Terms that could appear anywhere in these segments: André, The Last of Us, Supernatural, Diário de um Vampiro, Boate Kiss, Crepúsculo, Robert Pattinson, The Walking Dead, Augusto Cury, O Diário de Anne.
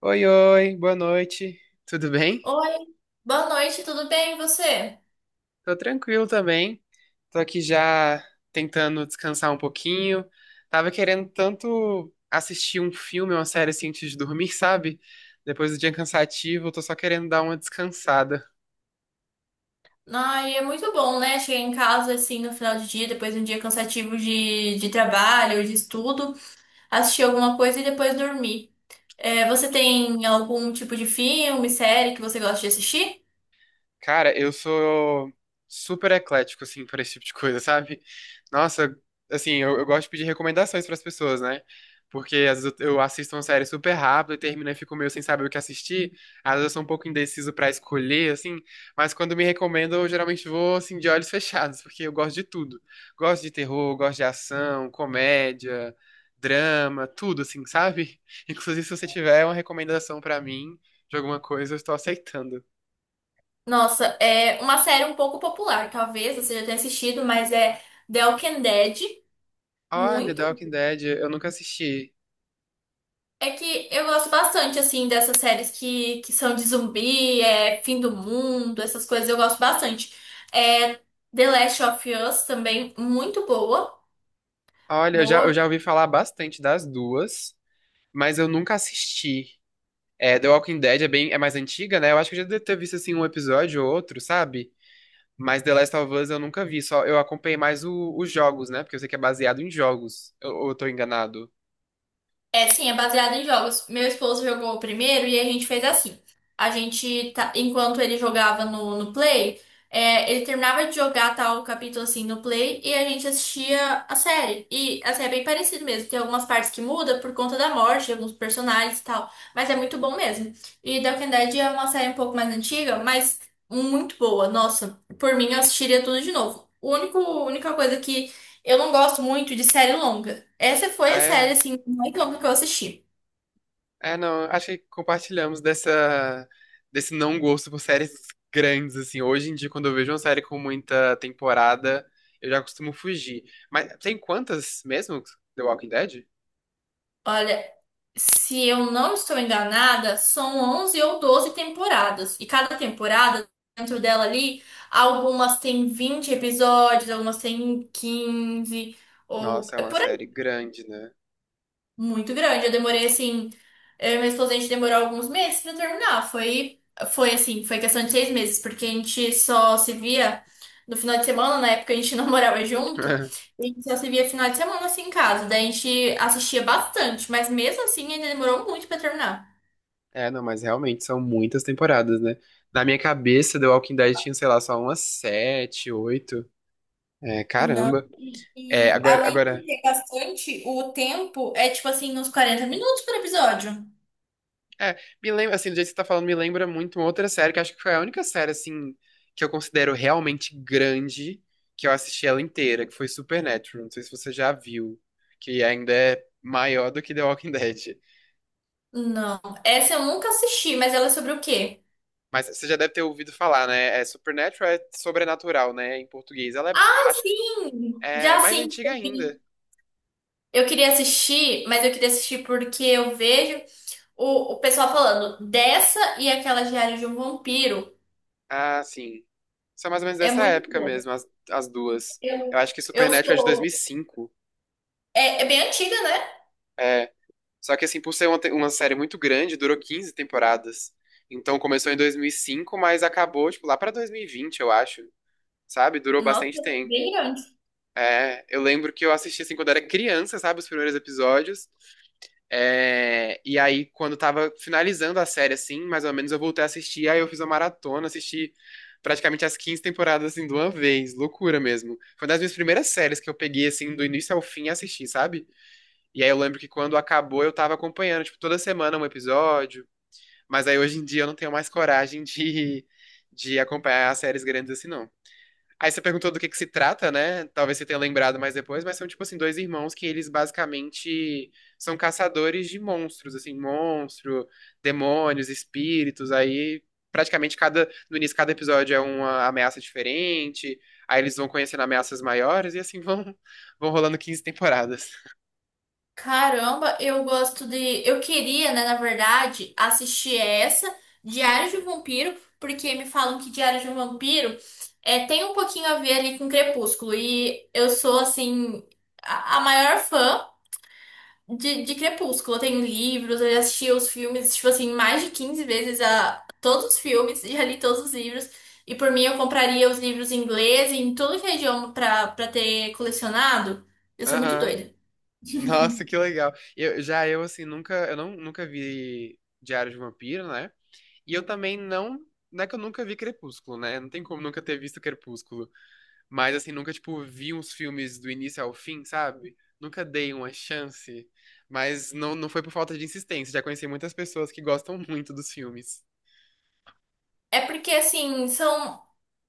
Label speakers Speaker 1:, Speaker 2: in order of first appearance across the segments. Speaker 1: Oi, oi, boa noite. Tudo bem?
Speaker 2: Oi, boa noite, tudo bem e você?
Speaker 1: Tô tranquilo também. Tô aqui já tentando descansar um pouquinho. Tava querendo tanto assistir um filme, uma série assim antes de dormir, sabe? Depois do dia cansativo, eu tô só querendo dar uma descansada.
Speaker 2: Ai, é muito bom, né? Chegar em casa assim no final de dia, depois de um dia cansativo de trabalho, de estudo, assistir alguma coisa e depois dormir. É, você tem algum tipo de filme, série que você gosta de assistir?
Speaker 1: Cara, eu sou super eclético, assim, para esse tipo de coisa, sabe? Nossa, assim, eu gosto de pedir recomendações para as pessoas, né? Porque às vezes eu assisto uma série super rápido e termino e fico meio sem saber o que assistir. Às vezes eu sou um pouco indeciso para escolher, assim. Mas quando me recomendam, eu geralmente vou, assim, de olhos fechados, porque eu gosto de tudo. Gosto de terror, gosto de ação, comédia, drama, tudo, assim, sabe? Inclusive, se você tiver uma recomendação para mim de alguma coisa, eu estou aceitando.
Speaker 2: Nossa, é uma série um pouco popular, talvez você já tenha assistido, mas é The Walking Dead.
Speaker 1: Olha, The Walking
Speaker 2: Muito
Speaker 1: Dead, eu nunca assisti.
Speaker 2: É que eu gosto bastante, assim, dessas séries que são de zumbi, é, fim do mundo, essas coisas eu gosto bastante. É, The Last of Us também, muito boa.
Speaker 1: Olha, eu já, eu
Speaker 2: Boa.
Speaker 1: já ouvi falar bastante das duas, mas eu nunca assisti. É, The Walking Dead é bem, é mais antiga, né? Eu acho que eu já devo ter visto assim um episódio ou outro, sabe? Mas The Last of Us eu nunca vi, só eu acompanhei mais os jogos, né? Porque eu sei que é baseado em jogos. Eu, ou eu tô enganado.
Speaker 2: É, sim, é baseado em jogos. Meu esposo jogou o primeiro e a gente fez assim. Enquanto ele jogava no Play, é, ele terminava de jogar tal capítulo assim no Play e a gente assistia a série. E assim, é bem parecido mesmo. Tem algumas partes que muda por conta da morte de alguns personagens e tal. Mas é muito bom mesmo. E The Walking Dead é uma série um pouco mais antiga, mas muito boa. Nossa, por mim eu assistiria tudo de novo. Única coisa que eu não gosto muito de série longa. Essa foi
Speaker 1: Ah,
Speaker 2: a série,
Speaker 1: é?
Speaker 2: assim, mais longa que eu assisti.
Speaker 1: É, não, acho que compartilhamos dessa, desse não gosto por séries grandes, assim. Hoje em dia, quando eu vejo uma série com muita temporada, eu já costumo fugir. Mas tem quantas mesmo? The Walking Dead?
Speaker 2: Olha, se eu não estou enganada, são 11 ou 12 temporadas. E cada temporada, dentro dela ali, algumas têm 20 episódios, algumas têm 15 ou
Speaker 1: Nossa, é
Speaker 2: é
Speaker 1: uma
Speaker 2: por
Speaker 1: série grande, né?
Speaker 2: muito grande. Eu demorei assim, eu e minha esposa, a gente demorou alguns meses pra terminar. Foi assim, foi questão de 6 meses, porque a gente só se via no final de semana, na época a gente não morava junto, e a gente só se via final de semana assim em casa. Daí a gente assistia bastante, mas mesmo assim ainda demorou muito pra terminar.
Speaker 1: É, não, mas realmente são muitas temporadas, né? Na minha cabeça, The Walking Dead tinha, sei lá, só umas sete, oito. É,
Speaker 2: Não.
Speaker 1: caramba. É,
Speaker 2: E
Speaker 1: agora,
Speaker 2: além
Speaker 1: agora
Speaker 2: de ter bastante, o tempo é tipo assim, uns 40 minutos por episódio.
Speaker 1: É, me lembra, assim, do jeito que você tá falando, me lembra muito uma outra série, que acho que foi a única série, assim, que eu considero realmente grande, que eu assisti ela inteira, que foi Supernatural. Não sei se você já viu, que ainda é maior do que The Walking Dead.
Speaker 2: Não, essa eu nunca assisti, mas ela é sobre o quê?
Speaker 1: Mas você já deve ter ouvido falar, né? É, Supernatural é sobrenatural, né? Em português. Ela é,
Speaker 2: Ah,
Speaker 1: acho que
Speaker 2: sim!
Speaker 1: é
Speaker 2: Já
Speaker 1: mais
Speaker 2: sim.
Speaker 1: antiga ainda.
Speaker 2: Eu queria assistir, mas eu queria assistir porque eu vejo o pessoal falando dessa e aquela Diário de um Vampiro.
Speaker 1: Ah, sim. São mais ou menos
Speaker 2: É
Speaker 1: dessa
Speaker 2: muito
Speaker 1: época
Speaker 2: bom.
Speaker 1: mesmo, as duas. Eu
Speaker 2: Eu,
Speaker 1: acho que
Speaker 2: eu
Speaker 1: Supernatural é de
Speaker 2: sou.
Speaker 1: 2005.
Speaker 2: É bem antiga, né?
Speaker 1: Só que, assim, por ser uma, uma série muito grande, durou 15 temporadas. Então, começou em 2005, mas acabou, tipo, lá pra 2020, eu acho. Sabe? Durou
Speaker 2: Nossa,
Speaker 1: bastante tempo.
Speaker 2: bem grande.
Speaker 1: É, eu lembro que eu assisti, assim, quando era criança, sabe? Os primeiros episódios. É, e aí, quando tava finalizando a série, assim, mais ou menos, eu voltei a assistir. Aí eu fiz uma maratona, assisti praticamente as 15 temporadas, assim, de uma vez. Loucura mesmo. Foi uma das minhas primeiras séries que eu peguei, assim, do início ao fim e assisti, sabe? E aí eu lembro que quando acabou eu tava acompanhando, tipo, toda semana um episódio. Mas aí hoje em dia eu não tenho mais coragem de, de acompanhar as séries grandes assim, não. Aí você perguntou do que se trata, né? Talvez você tenha lembrado mais depois, mas são, tipo assim, dois irmãos que eles basicamente são caçadores de monstros, assim, monstro, demônios, espíritos, aí praticamente cada, no início cada episódio é uma ameaça diferente, aí eles vão conhecendo ameaças maiores e assim vão, vão rolando 15 temporadas.
Speaker 2: Caramba, eu gosto de. Eu queria, né, na verdade, assistir essa, Diário de um Vampiro, porque me falam que Diário de um Vampiro é, tem um pouquinho a ver ali com Crepúsculo. E eu sou, assim, a maior fã. De Crepúsculo, eu tenho livros, eu já assisti os filmes, tipo assim, mais de 15 vezes a todos os filmes, já li todos os livros. E por mim eu compraria os livros em inglês, em todo que é idioma pra ter colecionado. Eu sou muito
Speaker 1: Aham.
Speaker 2: doida.
Speaker 1: Nossa, que legal. Eu, já eu, assim, nunca, eu não, nunca vi Diário de um Vampiro, né? E eu também não, não é que eu nunca vi Crepúsculo, né? Não tem como nunca ter visto Crepúsculo. Mas, assim, nunca, tipo, vi uns filmes do início ao fim, sabe? Nunca dei uma chance. Mas não, não foi por falta de insistência. Já conheci muitas pessoas que gostam muito dos filmes.
Speaker 2: É porque, assim, são.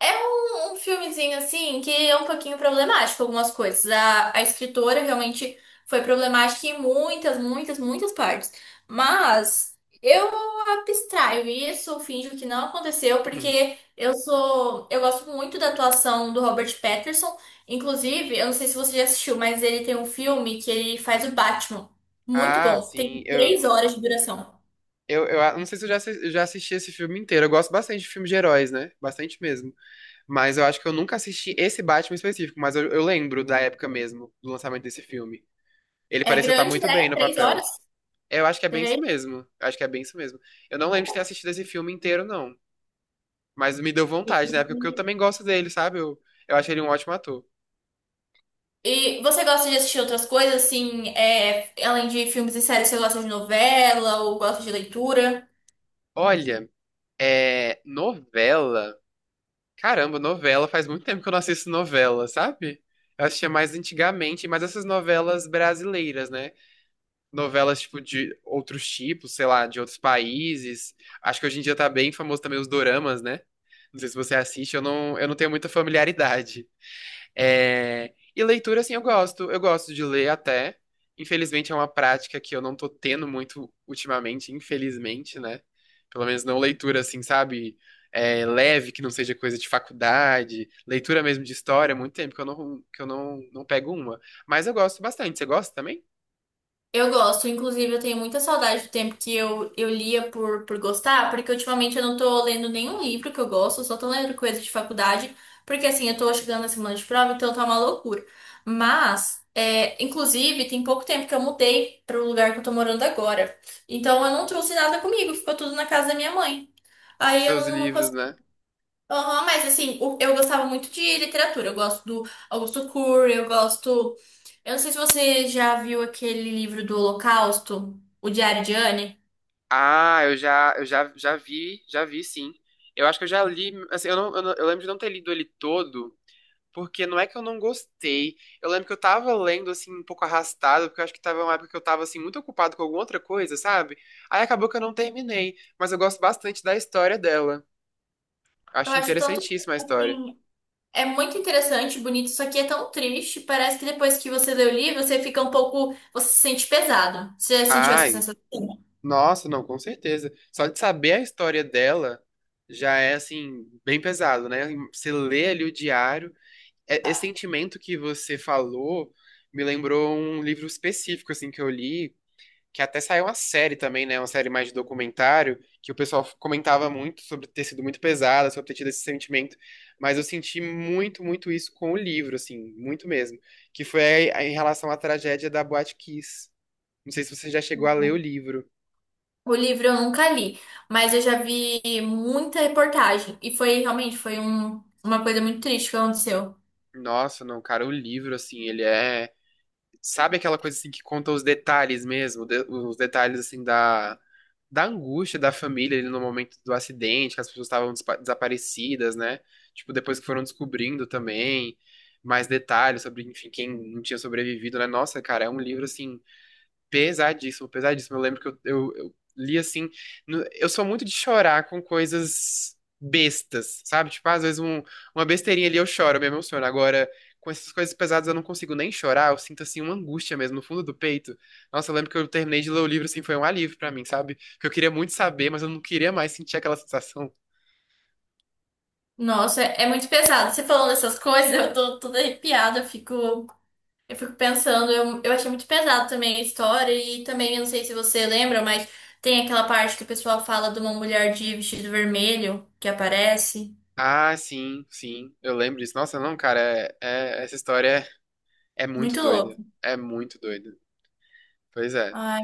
Speaker 2: É um filmezinho assim que é um pouquinho problemático algumas coisas. A escritora realmente foi problemática em muitas, muitas, muitas partes. Mas eu abstraio isso, finjo que não aconteceu,
Speaker 1: Hum.
Speaker 2: porque eu gosto muito da atuação do Robert Pattinson. Inclusive, eu não sei se você já assistiu, mas ele tem um filme que ele faz o Batman. Muito
Speaker 1: Ah,
Speaker 2: bom. Tem
Speaker 1: sim.
Speaker 2: três horas de duração.
Speaker 1: Não sei se eu já, eu já assisti esse filme inteiro. Eu gosto bastante de filmes de heróis, né? Bastante mesmo. Mas eu acho que eu nunca assisti esse Batman específico, mas eu lembro da época mesmo, do lançamento desse filme. Ele
Speaker 2: É
Speaker 1: parecia estar
Speaker 2: grande,
Speaker 1: muito
Speaker 2: né?
Speaker 1: bem no
Speaker 2: 3
Speaker 1: papel.
Speaker 2: horas?
Speaker 1: Eu acho que é bem isso mesmo. Eu acho que é bem isso mesmo. Eu não lembro de ter assistido esse filme inteiro, não. Mas me deu vontade na época, porque eu também gosto dele, sabe? Eu acho ele um ótimo ator.
Speaker 2: E você gosta de assistir outras coisas, assim, é, além de filmes e séries, você gosta de novela ou gosta de leitura?
Speaker 1: Olha, é. Novela. Caramba, novela. Faz muito tempo que eu não assisto novela, sabe? Eu assistia mais antigamente, mas essas novelas brasileiras, né? Novelas, tipo, de outros tipos, sei lá, de outros países. Acho que hoje em dia tá bem famoso também os doramas, né? Não sei se você assiste, eu não tenho muita familiaridade. É, e leitura, assim, eu gosto. Eu gosto de ler até. Infelizmente é uma prática que eu não tô tendo muito ultimamente, infelizmente, né? Pelo menos não leitura, assim, sabe? É, leve, que não seja coisa de faculdade. Leitura mesmo de história, há muito tempo que eu não, não pego uma. Mas eu gosto bastante. Você gosta também?
Speaker 2: Eu gosto, inclusive eu tenho muita saudade do tempo que eu lia por gostar, porque ultimamente eu não tô lendo nenhum livro que eu gosto, eu só tô lendo coisa de faculdade, porque assim, eu tô chegando na semana de prova, então tá uma loucura. Mas, é, inclusive, tem pouco tempo que eu mudei pro lugar que eu tô morando agora, então eu não trouxe nada comigo, ficou tudo na casa da minha mãe.
Speaker 1: Os
Speaker 2: Aí eu
Speaker 1: seus
Speaker 2: não
Speaker 1: livros, né?
Speaker 2: Aham, mas assim, eu gostava muito de literatura. Eu gosto do Augusto Cury, eu gosto. Eu não sei se você já viu aquele livro do Holocausto, O Diário de Anne.
Speaker 1: Ah, já vi, sim. Eu acho que eu já li, assim, eu lembro de não ter lido ele todo, porque não é que eu não gostei. Eu lembro que eu tava lendo, assim, um pouco arrastado, porque eu acho que tava uma época que eu tava, assim, muito ocupado com alguma outra coisa, sabe? Aí acabou que eu não terminei, mas eu gosto bastante da história dela.
Speaker 2: Eu
Speaker 1: Acho
Speaker 2: acho tanto,
Speaker 1: interessantíssima a história.
Speaker 2: assim, é muito interessante, bonito, só que é tão triste. Parece que depois que você lê o livro, você fica um pouco. Você se sente pesado. Você já sentiu essa
Speaker 1: Ai,
Speaker 2: sensação?
Speaker 1: nossa, não, com certeza. Só de saber a história dela já é, assim, bem pesado, né? Você lê ali o diário. Esse sentimento que você falou me lembrou um livro específico, assim, que eu li, que até saiu uma série também, né? Uma série mais de documentário, que o pessoal comentava muito sobre ter sido muito pesada, sobre ter tido esse sentimento. Mas eu senti muito, muito isso com o livro, assim, muito mesmo. Que foi em relação à tragédia da Boate Kiss. Não sei se você já chegou a ler o livro.
Speaker 2: O livro eu nunca li, mas eu já vi muita reportagem. E foi realmente, uma coisa muito triste que aconteceu.
Speaker 1: Nossa, não, cara, o livro, assim, ele é. Sabe aquela coisa assim que conta os detalhes mesmo, os detalhes assim da da angústia da família ali no momento do acidente, que as pessoas estavam desaparecidas, né? Tipo, depois que foram descobrindo também mais detalhes sobre, enfim, quem não tinha sobrevivido, né? Nossa, cara, é um livro assim pesadíssimo, pesadíssimo. Eu lembro que eu li assim. Eu sou muito de chorar com coisas bestas, sabe? Tipo, às vezes uma besteirinha ali eu choro, eu me emociono. Agora, com essas coisas pesadas eu não consigo nem chorar, eu sinto assim uma angústia mesmo no fundo do peito. Nossa, eu lembro que eu terminei de ler o livro assim, foi um alívio pra mim, sabe? Porque eu queria muito saber, mas eu não queria mais sentir aquela sensação.
Speaker 2: Nossa, é muito pesado. Você falando essas coisas, eu tô toda arrepiada, eu fico, pensando, eu achei muito pesado também a história, e também, eu não sei se você lembra, mas tem aquela parte que o pessoal fala de uma mulher de vestido vermelho que aparece.
Speaker 1: Ah, sim, sim, eu lembro disso. Nossa, não, cara, essa história é muito
Speaker 2: Muito louco.
Speaker 1: doida. É muito doida. Pois é.
Speaker 2: Ai.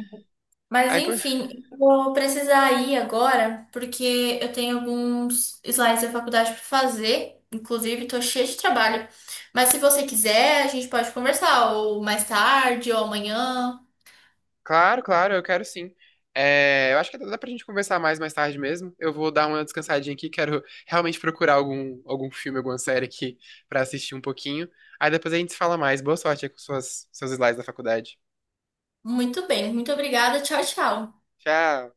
Speaker 2: Mas
Speaker 1: Aí, pois
Speaker 2: enfim, vou precisar ir agora, porque eu tenho alguns slides da faculdade para fazer. Inclusive, tô cheia de trabalho. Mas se você quiser, a gente pode conversar, ou mais tarde, ou amanhã.
Speaker 1: Claro, claro, eu quero sim. É, eu acho que dá pra gente conversar mais mais tarde mesmo. Eu vou dar uma descansadinha aqui, quero realmente procurar algum filme, alguma série aqui pra assistir um pouquinho. Aí depois a gente se fala mais. Boa sorte aí com seus slides da faculdade.
Speaker 2: Muito bem, muito obrigada. Tchau, tchau.
Speaker 1: Tchau!